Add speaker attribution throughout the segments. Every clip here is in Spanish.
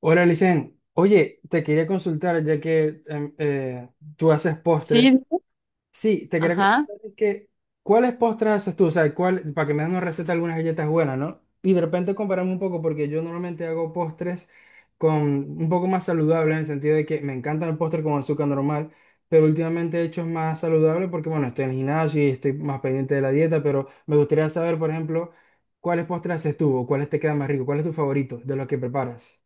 Speaker 1: Hola, Licen. Oye, te quería consultar, ya que tú haces
Speaker 2: Sí,
Speaker 1: postres. Sí, te quería
Speaker 2: ajá.
Speaker 1: consultar ¿cuáles postres haces tú? O sea, ¿cuál, para que me des una receta de algunas galletas buenas, ¿no? Y de repente comparamos un poco, porque yo normalmente hago postres con un poco más saludables, en el sentido de que me encanta el postre con azúcar normal, pero últimamente he hecho más saludable porque, bueno, estoy en el gimnasio y estoy más pendiente de la dieta, pero me gustaría saber, por ejemplo, ¿cuáles postres haces tú o cuáles te quedan más ricos? ¿Cuál es tu favorito de los que preparas?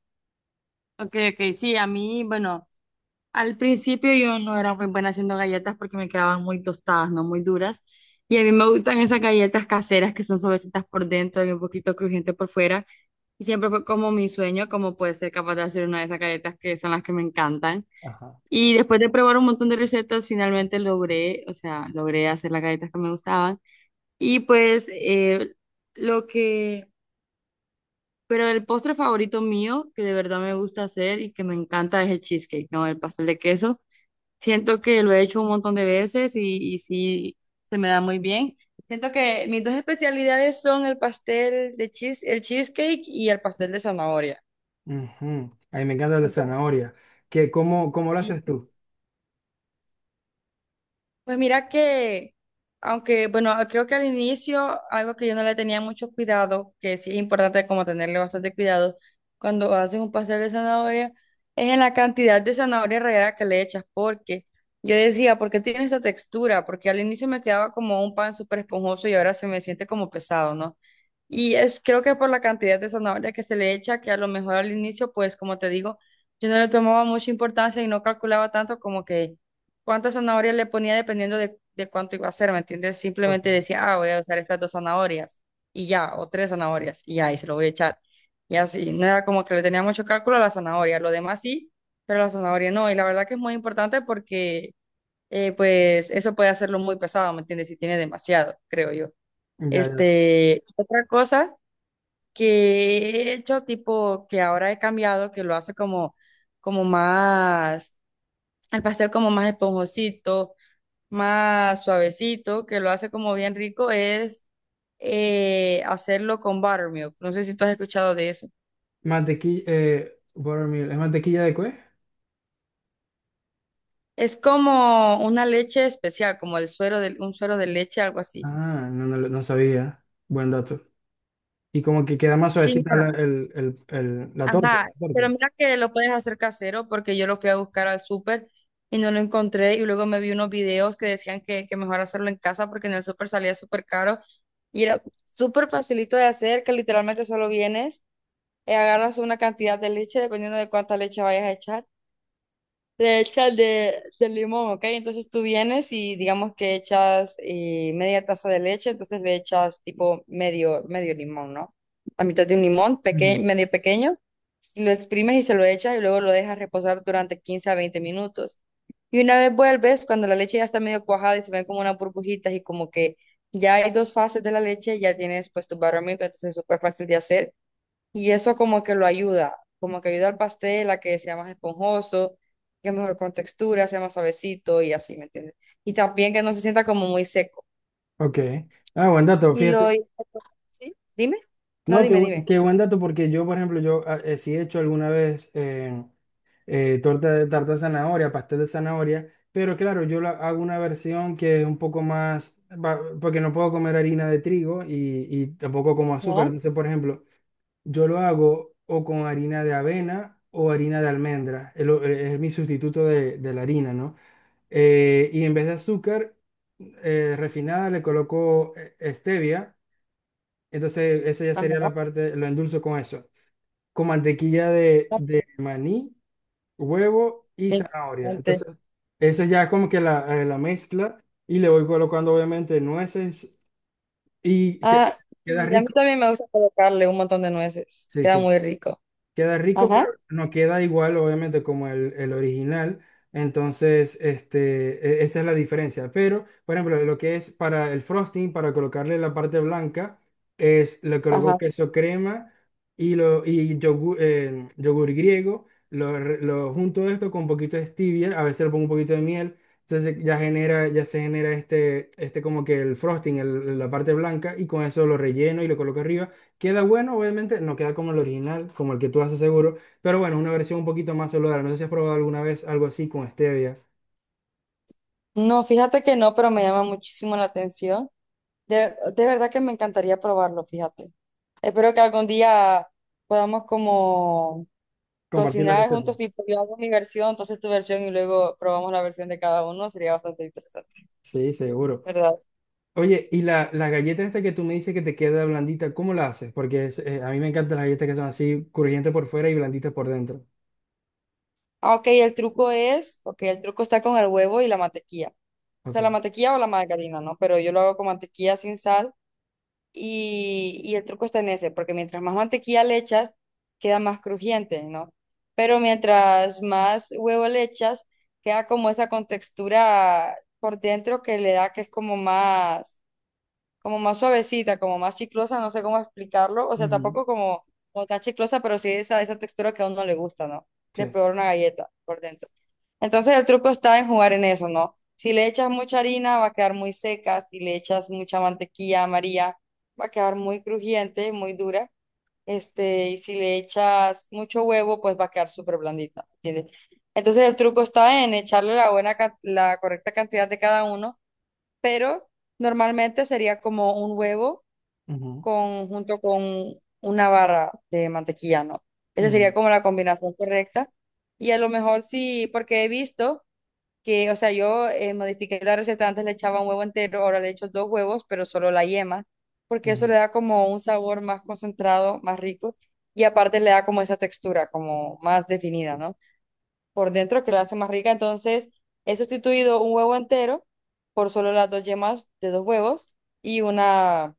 Speaker 2: Ok, ok, sí, a mí, bueno, al principio yo no era muy buena haciendo galletas porque me quedaban muy tostadas, no muy duras. Y a mí me gustan esas galletas caseras que son suavecitas por dentro y un poquito crujiente por fuera. Y siempre fue como mi sueño, como poder ser capaz de hacer una de esas galletas que son las que me encantan.
Speaker 1: Ajá.
Speaker 2: Y después de probar un montón de recetas, finalmente logré, o sea, logré hacer las galletas que me gustaban. Y pues lo que... Pero el postre favorito mío, que de verdad me gusta hacer y que me encanta, es el cheesecake, ¿no? El pastel de queso. Siento que lo he hecho un montón de veces y sí, se me da muy bien. Siento que mis dos especialidades son el pastel de cheese, el cheesecake y el pastel de zanahoria.
Speaker 1: Ujú. A mí me encanta el de
Speaker 2: Esos dos.
Speaker 1: zanahoria. ¿Qué, cómo, cómo lo
Speaker 2: Sí.
Speaker 1: haces tú?
Speaker 2: Pues mira que, aunque, bueno, creo que al inicio algo que yo no le tenía mucho cuidado, que sí es importante como tenerle bastante cuidado cuando haces un pastel de zanahoria, es en la cantidad de zanahoria rallada que le echas, porque yo decía, ¿por qué tiene esa textura? Porque al inicio me quedaba como un pan súper esponjoso y ahora se me siente como pesado, ¿no? Y es, creo que por la cantidad de zanahoria que se le echa, que a lo mejor al inicio, pues como te digo, yo no le tomaba mucha importancia y no calculaba tanto como que cuántas zanahorias le ponía dependiendo de cuánto iba a hacer, ¿me entiendes?
Speaker 1: Ok.
Speaker 2: Simplemente decía, ah, voy a usar estas dos zanahorias y ya, o tres zanahorias y ya, y se lo voy a echar. Y así, no era como que le tenía mucho cálculo a la zanahoria, lo demás sí, pero la zanahoria no. Y la verdad que es muy importante porque, pues, eso puede hacerlo muy pesado, ¿me entiendes? Si tiene demasiado, creo yo.
Speaker 1: Ya, ya.
Speaker 2: Este, otra cosa que he hecho, tipo, que ahora he cambiado, que lo hace como, como más, el pastel como más esponjosito más suavecito, que lo hace como bien rico, es hacerlo con buttermilk. ¿No sé si tú has escuchado de eso?
Speaker 1: Mantequilla, buttermilk, ¿es mantequilla de qué?
Speaker 2: Es como una leche especial, como el suero de, un suero de leche, algo así.
Speaker 1: Ah, no, no, no sabía. Buen dato. Y como que queda más
Speaker 2: Sí,
Speaker 1: suavecita
Speaker 2: mira,
Speaker 1: la, el- la torta.
Speaker 2: ajá.
Speaker 1: torta.
Speaker 2: Pero mira que lo puedes hacer casero porque yo lo fui a buscar al súper y no lo encontré y luego me vi unos videos que decían que mejor hacerlo en casa porque en el súper salía súper caro y era súper facilito de hacer, que literalmente solo vienes. Agarras una cantidad de leche, dependiendo de cuánta leche vayas a echar. Le echas de limón, ¿ok? Entonces tú vienes y digamos que echas media taza de leche, entonces le echas tipo medio, medio limón, ¿no? La mitad de un limón, peque-
Speaker 1: Ujú.
Speaker 2: medio pequeño, lo exprimes y se lo echas y luego lo dejas reposar durante 15 a 20 minutos. Y una vez vuelves, cuando la leche ya está medio cuajada y se ven como unas burbujitas y como que ya hay dos fases de la leche, ya tienes pues tu buttermilk, entonces es súper fácil de hacer. Y eso como que lo ayuda, como que ayuda al pastel a que sea más esponjoso, que es mejor con textura, sea más suavecito y así, ¿me entiendes? Y también que no se sienta como muy seco.
Speaker 1: Ok. Ah, buen dato,
Speaker 2: Y lo...
Speaker 1: fíjate.
Speaker 2: ¿Sí? Dime. No,
Speaker 1: No,
Speaker 2: dime, dime.
Speaker 1: qué buen dato porque yo, por ejemplo, sí he hecho alguna vez. Torta de tarta de zanahoria, pastel de zanahoria, pero claro, hago una versión que es un poco más, porque no puedo comer harina de trigo y tampoco como azúcar.
Speaker 2: Ajá,
Speaker 1: Entonces, por ejemplo, yo lo hago o con harina de avena o harina de almendra, es mi sustituto de la harina, ¿no? Y en vez de azúcar refinada le coloco stevia, entonces esa ya sería
Speaker 2: ajá.
Speaker 1: la parte, lo endulzo con eso, con mantequilla de maní huevo y
Speaker 2: Qué
Speaker 1: zanahoria.
Speaker 2: interesante.
Speaker 1: Entonces, esa ya es como que la mezcla y le voy colocando obviamente nueces y que,
Speaker 2: Ah,
Speaker 1: queda
Speaker 2: y a mí
Speaker 1: rico.
Speaker 2: también me gusta colocarle un montón de nueces.
Speaker 1: Sí,
Speaker 2: Queda
Speaker 1: sí.
Speaker 2: muy rico.
Speaker 1: Queda rico, pero
Speaker 2: Ajá,
Speaker 1: no queda igual, obviamente, como el original. Entonces, esa es la diferencia. Pero, por ejemplo, lo que es para el frosting, para colocarle la parte blanca, es le coloco
Speaker 2: ajá.
Speaker 1: queso crema y yogur, yogur griego. Lo junto esto con un poquito de stevia, a veces le pongo un poquito de miel. Entonces ya genera, ya se genera como que el frosting, la parte blanca, y con eso lo relleno y lo coloco arriba. Queda bueno, obviamente, no queda como el original, como el que tú haces seguro, pero bueno, es una versión un poquito más saludable. No sé si has probado alguna vez algo así con stevia.
Speaker 2: No, fíjate que no, pero me llama muchísimo la atención. De verdad que me encantaría probarlo, fíjate. Espero que algún día podamos como
Speaker 1: Compartir la
Speaker 2: cocinar
Speaker 1: receta.
Speaker 2: juntos, tipo yo hago mi versión, entonces tu versión y luego probamos la versión de cada uno, sería bastante interesante,
Speaker 1: Sí, seguro.
Speaker 2: ¿verdad?
Speaker 1: Oye, la galleta esta que tú me dices que te queda blandita, ¿cómo la haces? Porque a mí me encantan las galletas que son así, crujientes por fuera y blanditas por dentro.
Speaker 2: Ah, ok, el truco es, ok, el truco está con el huevo y la mantequilla. O sea,
Speaker 1: Ok.
Speaker 2: la mantequilla o la margarina, ¿no? Pero yo lo hago con mantequilla sin sal. Y el truco está en ese, porque mientras más mantequilla le echas, queda más crujiente, ¿no? Pero mientras más huevo le echas, queda como esa contextura por dentro que le da que es como más suavecita, como más chiclosa, no sé cómo explicarlo. O sea,
Speaker 1: Ujú.
Speaker 2: tampoco como, como tan chiclosa, pero sí esa textura que a uno le gusta, ¿no? De
Speaker 1: Sí.
Speaker 2: probar una galleta por dentro. Entonces el truco está en jugar en eso, ¿no? Si le echas mucha harina va a quedar muy seca, si le echas mucha mantequilla amarilla va a quedar muy crujiente, muy dura, este, y si le echas mucho huevo pues va a quedar súper blandita, ¿entiendes? Entonces el truco está en echarle la buena, can- la correcta cantidad de cada uno, pero normalmente sería como un huevo
Speaker 1: Ujú,
Speaker 2: con, junto con una barra de mantequilla, ¿no? Esa sería
Speaker 1: ujú,
Speaker 2: como la combinación correcta. Y a lo mejor sí, porque he visto que, o sea, yo modifiqué la receta, antes le echaba un huevo entero, ahora le echo dos huevos, pero solo la yema, porque eso le
Speaker 1: ujú,
Speaker 2: da como un sabor más concentrado, más rico, y aparte le da como esa textura, como más definida, ¿no? Por dentro que la hace más rica, entonces he sustituido un huevo entero por solo las dos yemas de dos huevos y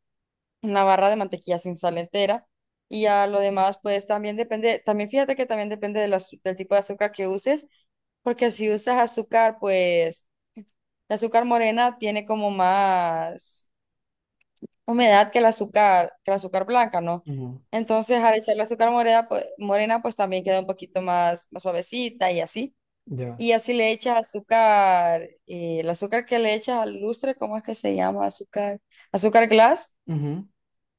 Speaker 2: una barra de mantequilla sin sal entera. Y a lo demás, pues también depende, también fíjate que también depende del azu- del tipo de azúcar que uses, porque si usas azúcar, pues el azúcar morena tiene como más humedad que el azúcar blanca, ¿no?
Speaker 1: ujú.
Speaker 2: Entonces, al echar el azúcar morena, pues también queda un poquito más, más suavecita y así.
Speaker 1: Ya.
Speaker 2: Y así le echas azúcar, el azúcar que le echas al lustre, ¿cómo es que se llama? Azúcar, azúcar glass.
Speaker 1: Ujú.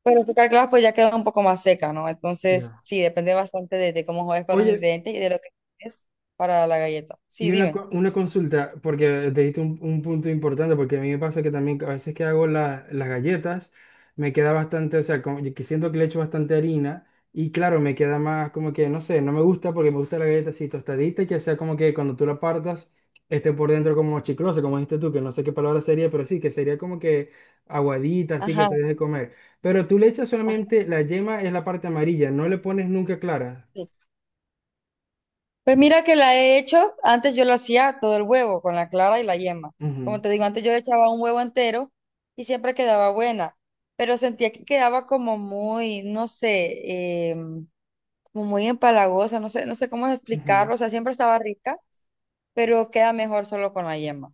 Speaker 2: Pero el azúcar glass pues ya queda un poco más seca, ¿no? Entonces,
Speaker 1: Ya.
Speaker 2: sí, depende bastante de cómo juegues con los
Speaker 1: Oye,
Speaker 2: ingredientes y de lo que es para la galleta. Sí,
Speaker 1: Y una,
Speaker 2: dime.
Speaker 1: co- una consulta, porque te diste un punto importante, porque a mí me pasa que también a veces que hago las galletas, me queda bastante, o sea, como que siento que le echo bastante harina y claro, me queda más como que, no sé, no me gusta porque me gusta la galleta así tostadita, y que sea como que cuando tú la partas esté por dentro como chiclosa, como dijiste tú, que no sé qué palabra sería, pero sí, que sería como que aguadita, así que
Speaker 2: Ajá.
Speaker 1: se deje comer. Pero tú le echas
Speaker 2: ajá.
Speaker 1: solamente la yema, es la parte amarilla, no le pones nunca clara.
Speaker 2: Pues mira que la he hecho, antes yo lo hacía todo el huevo, con la clara y la yema. Como
Speaker 1: Ujú,
Speaker 2: te digo, antes yo echaba un huevo entero y siempre quedaba buena, pero sentía que quedaba como muy, no sé, como muy empalagosa, no sé, no sé cómo
Speaker 1: ujú.
Speaker 2: explicarlo, o sea, siempre estaba rica, pero queda mejor solo con la yema.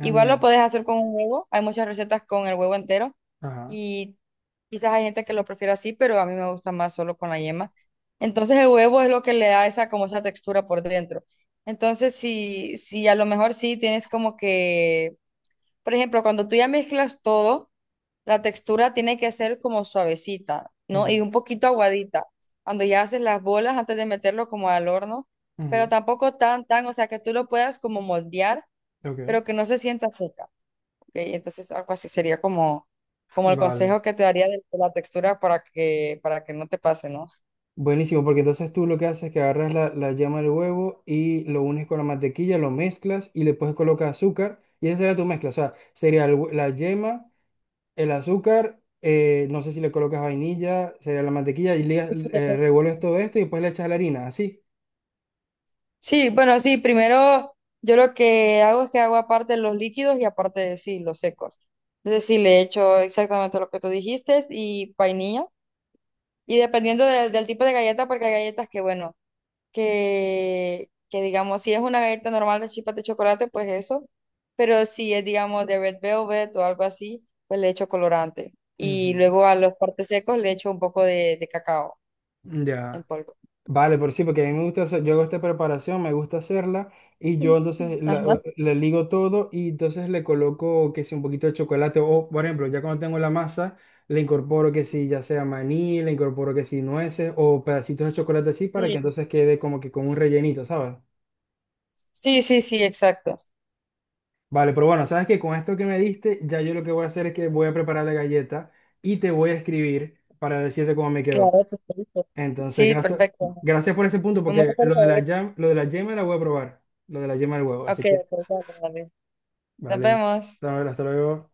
Speaker 1: Ah,
Speaker 2: Igual
Speaker 1: mira.
Speaker 2: lo puedes hacer con un huevo. Hay muchas recetas con el huevo entero
Speaker 1: Ajá.
Speaker 2: y quizás hay gente que lo prefiere así, pero a mí me gusta más solo con la yema. Entonces el huevo es lo que le da esa como esa textura por dentro. Entonces si a lo mejor sí tienes como que, por ejemplo, cuando tú ya mezclas todo, la textura tiene que ser como suavecita, ¿no? Y
Speaker 1: Ujú.
Speaker 2: un poquito aguadita. Cuando ya haces las bolas antes de meterlo como al horno, pero
Speaker 1: Ujú.
Speaker 2: tampoco tan, tan, o sea, que tú lo puedas como moldear,
Speaker 1: Ok,
Speaker 2: pero que no se sienta seca. Ok, entonces, algo así sería como, como el
Speaker 1: vale.
Speaker 2: consejo que te daría de la textura para que no te pase, ¿no?
Speaker 1: Buenísimo, porque entonces tú lo que haces es que agarras la yema del huevo y lo unes con la mantequilla, lo mezclas y le puedes colocar azúcar y esa sería tu mezcla. O sea, sería la yema, el azúcar, no sé si le colocas vainilla, sería la mantequilla y revuelves todo esto y después le echas la harina, así.
Speaker 2: Sí, bueno, sí, primero yo lo que hago es que hago aparte los líquidos y aparte, sí, los secos. Entonces, sí, le echo exactamente lo que tú dijiste y vainilla. Y dependiendo del, del tipo de galleta, porque hay galletas que, bueno, que digamos, si es una galleta normal de chispas de chocolate, pues eso, pero si es, digamos, de red velvet o algo así, pues le echo colorante.
Speaker 1: Ujú.
Speaker 2: Y luego a los partes secos le echo un poco de cacao en
Speaker 1: Ya.
Speaker 2: polvo.
Speaker 1: Vale, por sí, porque a mí me gusta hacer, yo hago esta preparación, me gusta hacerla y yo entonces la-
Speaker 2: Ajá.
Speaker 1: le ligo todo y entonces le coloco que si un poquito de chocolate o, por ejemplo, ya cuando tengo la masa, le incorporo que si ya sea maní, le incorporo que si nueces o pedacitos de chocolate así para
Speaker 2: Sí,
Speaker 1: que entonces quede como que con un rellenito, ¿sabes?
Speaker 2: sí, sí, sí, exacto.
Speaker 1: Vale, pero bueno, sabes que con esto que me diste, ya yo lo que voy a hacer es que voy a preparar la galleta y te voy a escribir para decirte cómo me quedó.
Speaker 2: Claro, por
Speaker 1: Entonces,
Speaker 2: sí,
Speaker 1: gracias,
Speaker 2: perfecto.
Speaker 1: gracias por ese punto,
Speaker 2: Me muero
Speaker 1: porque
Speaker 2: por
Speaker 1: lo de
Speaker 2: saber.
Speaker 1: lo de la yema la voy a probar. Lo de la yema del huevo.
Speaker 2: Ok,
Speaker 1: Así que,
Speaker 2: ok, dale, dale. Nos
Speaker 1: vale.
Speaker 2: vemos.
Speaker 1: Hasta luego.